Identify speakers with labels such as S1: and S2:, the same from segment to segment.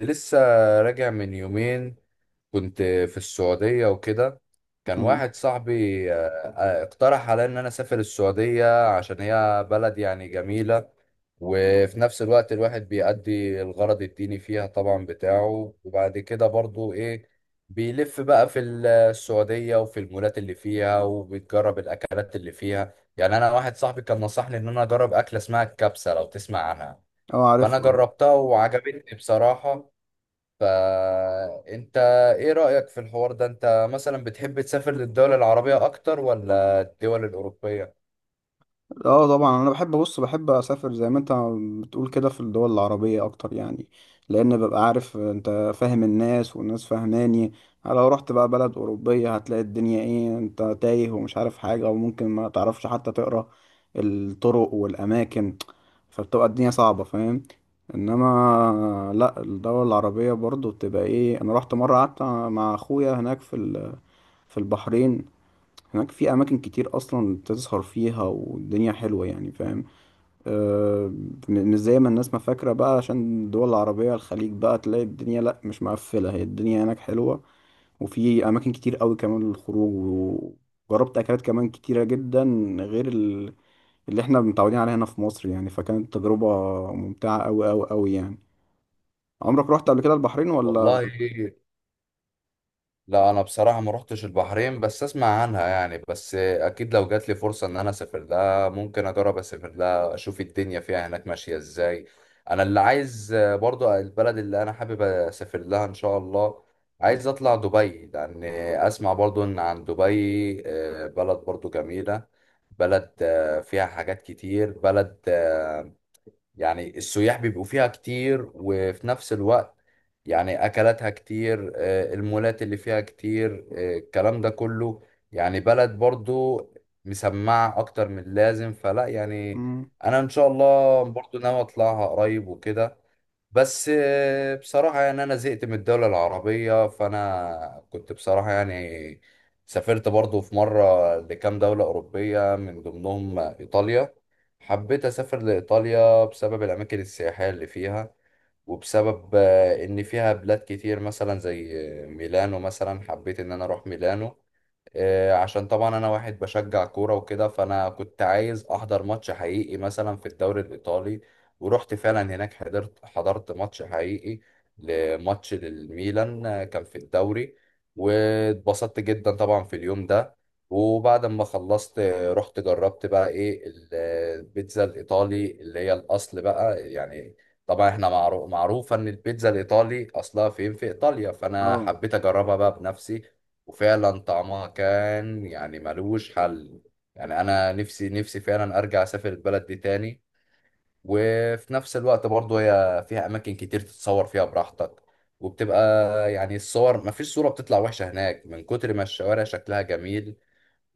S1: لسه راجع من يومين. كنت في السعودية وكده. كان
S2: مم.
S1: واحد صاحبي اقترح عليا ان انا اسافر السعودية عشان هي بلد يعني جميلة، وفي نفس الوقت الواحد بيأدي الغرض الديني فيها طبعا بتاعه، وبعد كده برضو ايه بيلف بقى في السعودية وفي المولات اللي فيها وبيجرب الأكلات اللي فيها. يعني أنا واحد صاحبي كان نصحني إن أنا أجرب أكلة اسمها الكبسة، لو تسمع عنها.
S2: اه،
S1: فأنا
S2: عارفها.
S1: جربتها وعجبتني بصراحة. فانت ايه رأيك في الحوار ده؟ انت مثلا بتحب تسافر للدول العربية اكتر ولا الدول الأوروبية؟
S2: اه طبعا، انا بحب، بص بحب اسافر زي ما انت بتقول كده في الدول العربيه اكتر يعني. لان ببقى عارف، انت فاهم، الناس والناس فاهماني. لو رحت بقى بلد اوروبيه هتلاقي الدنيا ايه، انت تايه ومش عارف حاجه، وممكن ما تعرفش حتى تقرا الطرق والاماكن، فبتبقى الدنيا صعبه، فاهم. انما لا، الدول العربيه برضو بتبقى ايه، انا رحت مره قعدت مع اخويا هناك في في البحرين. هناك في أماكن كتير أصلا بتسهر فيها والدنيا حلوة يعني، فاهم. آه، مش زي ما الناس ما فاكرة بقى. عشان الدول العربية الخليج بقى تلاقي الدنيا، لأ، مش مقفلة، هي الدنيا هناك حلوة وفي أماكن كتير أوي كمان للخروج. وجربت أكلات كمان كتيرة جدا غير اللي احنا متعودين عليها هنا في مصر يعني. فكانت تجربة ممتعة أوي أوي أوي يعني. عمرك رحت قبل كده البحرين ولا؟
S1: والله لا، انا بصراحه ما روحتش البحرين، بس اسمع عنها يعني، بس اكيد لو جات لي فرصه ان انا اسافر لها ممكن اجرب اسافر لها اشوف الدنيا فيها هناك ماشيه ازاي. انا اللي عايز برضو، البلد اللي انا حابب اسافر لها ان شاء الله، عايز اطلع دبي، لان اسمع برضو ان عن دبي بلد برضو جميله، بلد فيها حاجات كتير، بلد يعني السياح بيبقوا فيها كتير، وفي نفس الوقت يعني أكلاتها كتير، المولات اللي فيها كتير، الكلام ده كله، يعني بلد برضو مسمعة أكتر من اللازم، فلا يعني
S2: مم.
S1: أنا إن شاء الله برضو ناوي أطلعها قريب وكده. بس بصراحة يعني أنا زهقت من الدولة العربية، فأنا كنت بصراحة يعني سافرت برضو في مرة لكام دولة أوروبية، من ضمنهم إيطاليا. حبيت أسافر لإيطاليا بسبب الأماكن السياحية اللي فيها، وبسبب إن فيها بلاد كتير مثلا زي ميلانو. مثلا حبيت إن أنا أروح ميلانو عشان طبعا انا واحد بشجع كوره وكده، فانا كنت عايز احضر ماتش حقيقي مثلا في الدوري الايطالي. ورحت فعلا هناك، حضرت ماتش حقيقي، لماتش للميلان كان في الدوري. واتبسطت جدا طبعا في اليوم ده. وبعد ما خلصت رحت جربت بقى ايه البيتزا الايطالي اللي هي الاصل بقى يعني. طبعا احنا معروفه ان البيتزا الايطالي اصلها فين، في ايطاليا، فانا
S2: اه
S1: حبيت اجربها بقى بنفسي. وفعلا طعمها كان يعني ملوش حل. يعني انا نفسي فعلا ارجع اسافر البلد دي تاني. وفي نفس الوقت برضه هي فيها اماكن كتير تتصور فيها براحتك، وبتبقى يعني الصور مفيش صورة بتطلع وحشة هناك، من كتر ما الشوارع شكلها جميل.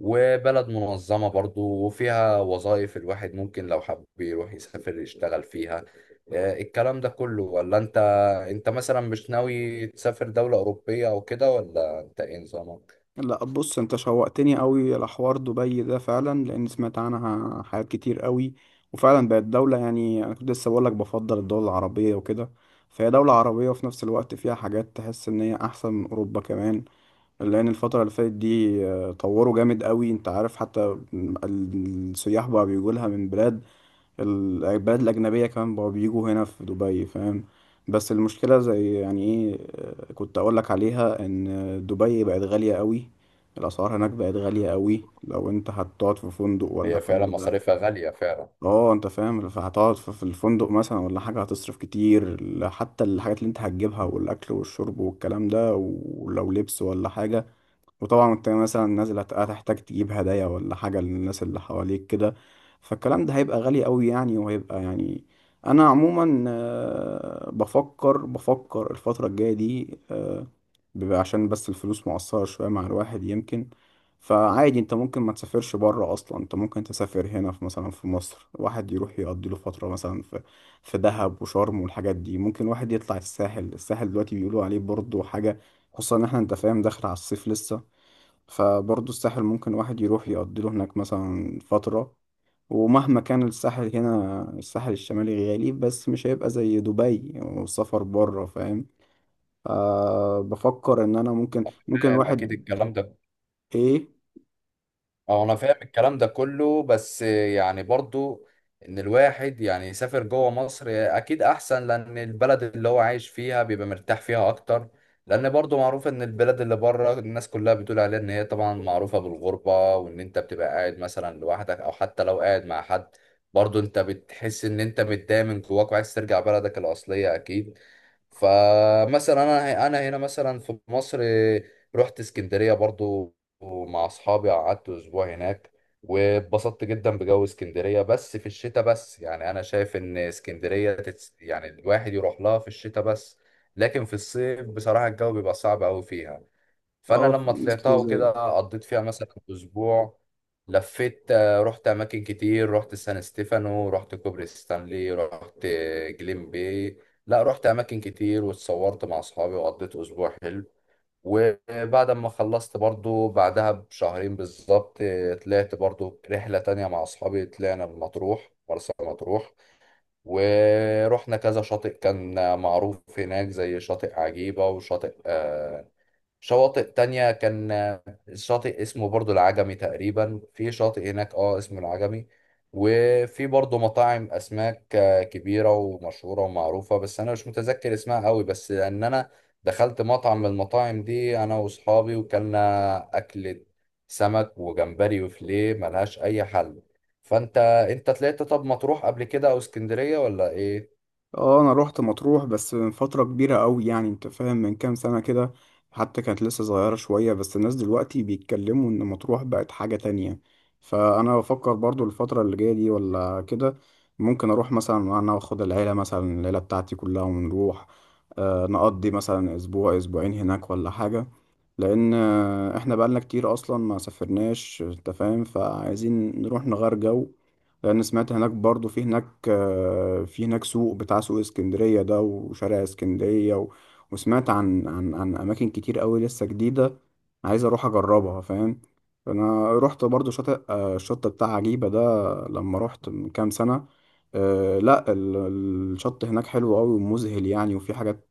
S1: وبلد منظمة برضه، وفيها وظائف الواحد ممكن لو حب يروح يسافر يشتغل فيها الكلام ده كله. ولا انت، انت مثلا مش ناوي تسافر دولة أوروبية او كده، ولا انت ايه نظامك؟
S2: لا، بص، انت شوقتني قوي لحوار دبي ده فعلا، لان سمعت عنها حاجات كتير قوي. وفعلا بقت دولة يعني، انا كنت لسه بقول لك بفضل الدول العربية وكده، فهي دولة عربية وفي نفس الوقت فيها حاجات تحس ان هي احسن من اوروبا كمان. لان الفترة اللي فاتت دي طوروا جامد قوي، انت عارف حتى السياح بقى بيجوا لها من بلاد، البلاد الأجنبية كمان بقوا بيجوا هنا في دبي، فاهم. بس المشكلة زي يعني إيه، كنت أقولك عليها إن دبي بقت غالية قوي. الأسعار هناك بقت غالية قوي، لو أنت هتقعد في فندق ولا
S1: هي فعلا
S2: حاجة.
S1: مصاريفها غالية فعلا.
S2: اه أنت فاهم، فهتقعد في الفندق مثلا ولا حاجة، هتصرف كتير. حتى الحاجات اللي أنت هتجيبها والأكل والشرب والكلام ده ولو لبس ولا حاجة. وطبعا انت مثلا نازل، هتحتاج تجيب هدايا ولا حاجة للناس اللي حواليك كده. فالكلام ده هيبقى غالي قوي يعني، وهيبقى يعني. انا عموما بفكر، بفكر الفترة الجاية دي، بيبقى عشان بس الفلوس مقصرة شوية مع الواحد يمكن. فعادي انت ممكن ما تسافرش بره اصلا، انت ممكن تسافر هنا في، مثلا في مصر، واحد يروح يقضي له فترة مثلا في في دهب وشرم والحاجات دي. ممكن واحد يطلع الساحل، الساحل دلوقتي بيقولوا عليه برضه حاجة، خصوصا ان احنا انت فاهم داخل على الصيف لسه. فبرضه الساحل ممكن واحد يروح يقضي له هناك مثلا فترة. ومهما كان الساحل هنا الساحل الشمالي غالي، بس مش هيبقى زي دبي والسفر بره، فاهم. أه، بفكر ان انا ممكن، ممكن
S1: فاهم، أكيد
S2: الواحد.
S1: الكلام ده.
S2: ايه؟
S1: أه أنا فاهم الكلام ده كله، بس يعني برضو إن الواحد يعني يسافر جوه مصر أكيد أحسن، لأن البلد اللي هو عايش فيها بيبقى مرتاح فيها أكتر. لأن برضو معروف إن البلد اللي بره الناس كلها بتقول عليها إن هي طبعا معروفة بالغربة، وإن أنت بتبقى قاعد مثلا لوحدك، أو حتى لو قاعد مع حد برضو أنت بتحس إن أنت متضايق من جواك وعايز ترجع بلدك الأصلية أكيد. فمثلا انا هنا مثلا في مصر رحت اسكندريه برضو مع اصحابي، قعدت اسبوع هناك، واتبسطت جدا بجو اسكندريه، بس في الشتاء بس. يعني انا شايف ان اسكندريه يعني الواحد يروح لها في الشتاء بس، لكن في الصيف بصراحه الجو بيبقى صعب قوي فيها. فانا
S2: اه في
S1: لما
S2: ناس كتير
S1: طلعتها
S2: زي.
S1: وكده، قضيت فيها مثلا اسبوع، لفيت رحت اماكن كتير، رحت سان ستيفانو، رحت كوبري ستانلي، رحت جليم باي. لا رحت اماكن كتير، واتصورت مع اصحابي، وقضيت اسبوع حلو. وبعد ما خلصت برضو، بعدها بشهرين بالظبط طلعت برضو رحلة تانية مع اصحابي، طلعنا مطروح، مرسى مطروح. ورحنا كذا شاطئ كان معروف هناك، زي شاطئ عجيبة، وشاطئ شواطئ تانية كان شاطئ اسمه برضو العجمي تقريبا، في شاطئ هناك اه اسمه العجمي. وفي برضو مطاعم أسماك كبيرة ومشهورة ومعروفة، بس أنا مش متذكر اسمها قوي، بس إن أنا دخلت مطعم من المطاعم دي أنا وأصحابي، وكلنا أكلة سمك وجمبري وفيليه ملهاش أي حل. فأنت، أنت طلعت طب مطروح قبل كده أو اسكندرية ولا إيه؟
S2: اه انا روحت مطروح بس من فترة كبيرة قوي يعني، انت فاهم، من كام سنة كده، حتى كانت لسه صغيرة شوية. بس الناس دلوقتي بيتكلموا ان مطروح بقت حاجة تانية، فانا بفكر برضو الفترة اللي جاية دي ولا كده ممكن اروح مثلا، انا واخد العيلة مثلا، العيلة بتاعتي كلها، ونروح آه نقضي مثلا اسبوع اسبوعين هناك ولا حاجة. لان احنا بقالنا كتير اصلا ما سافرناش، انت فاهم، فعايزين نروح نغير جو. لان سمعت هناك برضو في هناك في هناك سوق بتاع سوق اسكندرية ده وشارع اسكندرية و... وسمعت عن اماكن كتير قوي لسه جديدة، عايز اروح اجربها، فاهم. انا رحت برضو شاطئ الشط بتاع عجيبة ده لما رحت من كام سنة. آه، لا ال- الشط هناك حلو قوي ومذهل يعني، وفي حاجات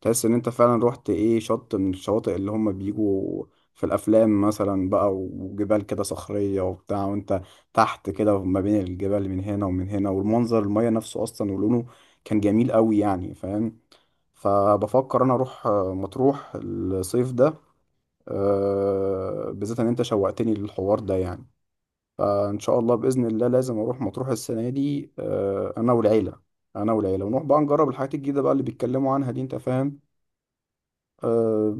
S2: تحس ان انت فعلا رحت ايه، شط من الشواطئ اللي هم بيجوا في الافلام مثلا بقى، وجبال كده صخرية وبتاع، وانت تحت كده ما بين الجبال من هنا ومن هنا، والمنظر، المية نفسه اصلا ولونه كان جميل قوي يعني، فاهم. فبفكر انا اروح مطروح الصيف ده، بالذات ان انت شوقتني للحوار ده يعني. فان شاء الله باذن الله لازم اروح مطروح السنة دي انا والعيلة، انا والعيلة، ونروح بقى نجرب الحاجات الجديدة بقى اللي بيتكلموا عنها دي، انت فاهم. أه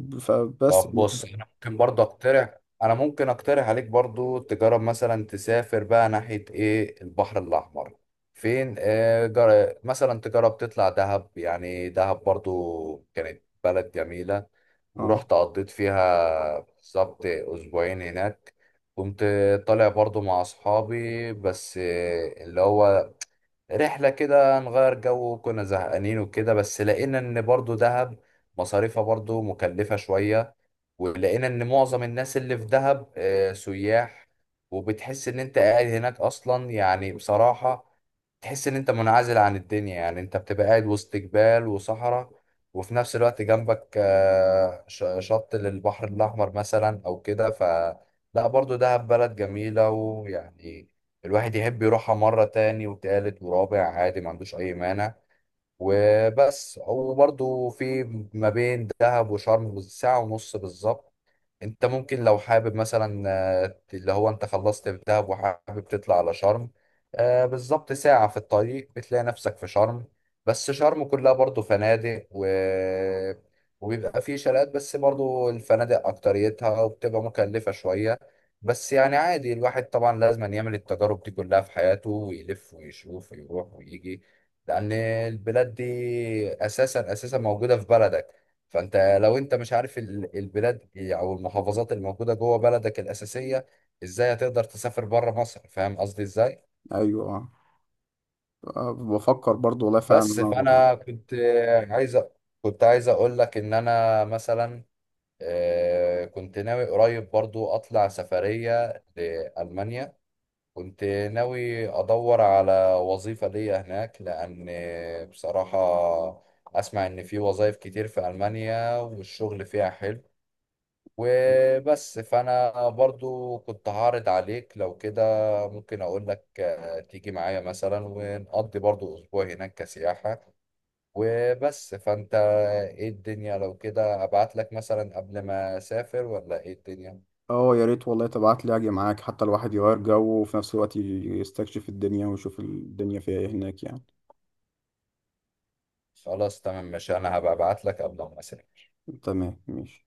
S1: طب
S2: فبس يعني
S1: بص انا ممكن برضه اقترح، انا ممكن اقترح عليك برضه تجرب مثلا تسافر بقى ناحية ايه البحر الاحمر، فين آه مثلا تجرب تطلع دهب. يعني دهب برضه كانت بلد جميلة،
S2: اه.
S1: ورحت قضيت فيها بالظبط اسبوعين هناك. كنت طالع برضه مع اصحابي، بس اللي هو رحلة كده نغير جو، كنا زهقانين وكده، بس لقينا ان برضه دهب مصاريفها برضه مكلفة شوية. ولقينا ان معظم الناس اللي في دهب سياح، وبتحس ان انت قاعد هناك اصلا يعني بصراحة، تحس ان انت منعزل عن الدنيا، يعني انت بتبقى قاعد وسط جبال وصحراء، وفي نفس الوقت جنبك شط للبحر الاحمر مثلا او كده. ف لا برضو دهب بلد جميلة، ويعني الواحد يحب يروحها مرة تاني وتالت ورابع عادي، ما عندوش اي مانع. وبس. وبرضو في ما بين دهب وشرم ساعة ونص بالظبط، انت ممكن لو حابب مثلا اللي هو انت خلصت في دهب وحابب تطلع على شرم بالظبط ساعة في الطريق بتلاقي نفسك في شرم. بس شرم كلها برضو فنادق و... وبيبقى فيه شاليهات، بس برضو الفنادق أكتريتها، وبتبقى مكلفة شوية. بس يعني عادي، الواحد طبعا لازم يعمل التجارب دي كلها في حياته، ويلف ويشوف ويروح ويجي. لأن البلاد دي أساسا موجودة في بلدك، فانت لو انت مش عارف البلاد او المحافظات اللي موجوده جوه بلدك الاساسيه، ازاي هتقدر تسافر بره مصر؟ فاهم قصدي ازاي.
S2: ايوه اه، بفكر برضو والله فعلا ان
S1: بس
S2: انا اروح.
S1: فانا كنت عايز أ- كنت عايز اقول لك ان انا مثلا كنت ناوي قريب برضو اطلع سفريه لالمانيا. كنت ناوي ادور على وظيفه ليا هناك، لان بصراحه اسمع ان في وظائف كتير في المانيا، والشغل فيها حلو. وبس. فانا برضو كنت هعرض عليك، لو كده ممكن اقول لك تيجي معايا مثلا ونقضي برضو اسبوع هناك كسياحة. وبس فانت ايه الدنيا؟ لو كده ابعت لك مثلا قبل ما اسافر، ولا ايه الدنيا؟
S2: اه يا ريت والله، تبعت لي اجي معاك، حتى الواحد يغير جو وفي نفس الوقت يستكشف الدنيا ويشوف الدنيا فيها ايه هناك يعني.
S1: خلاص تمام ماشي، انا هبقى ابعت لك قبل ما اسافر.
S2: تمام ماشي.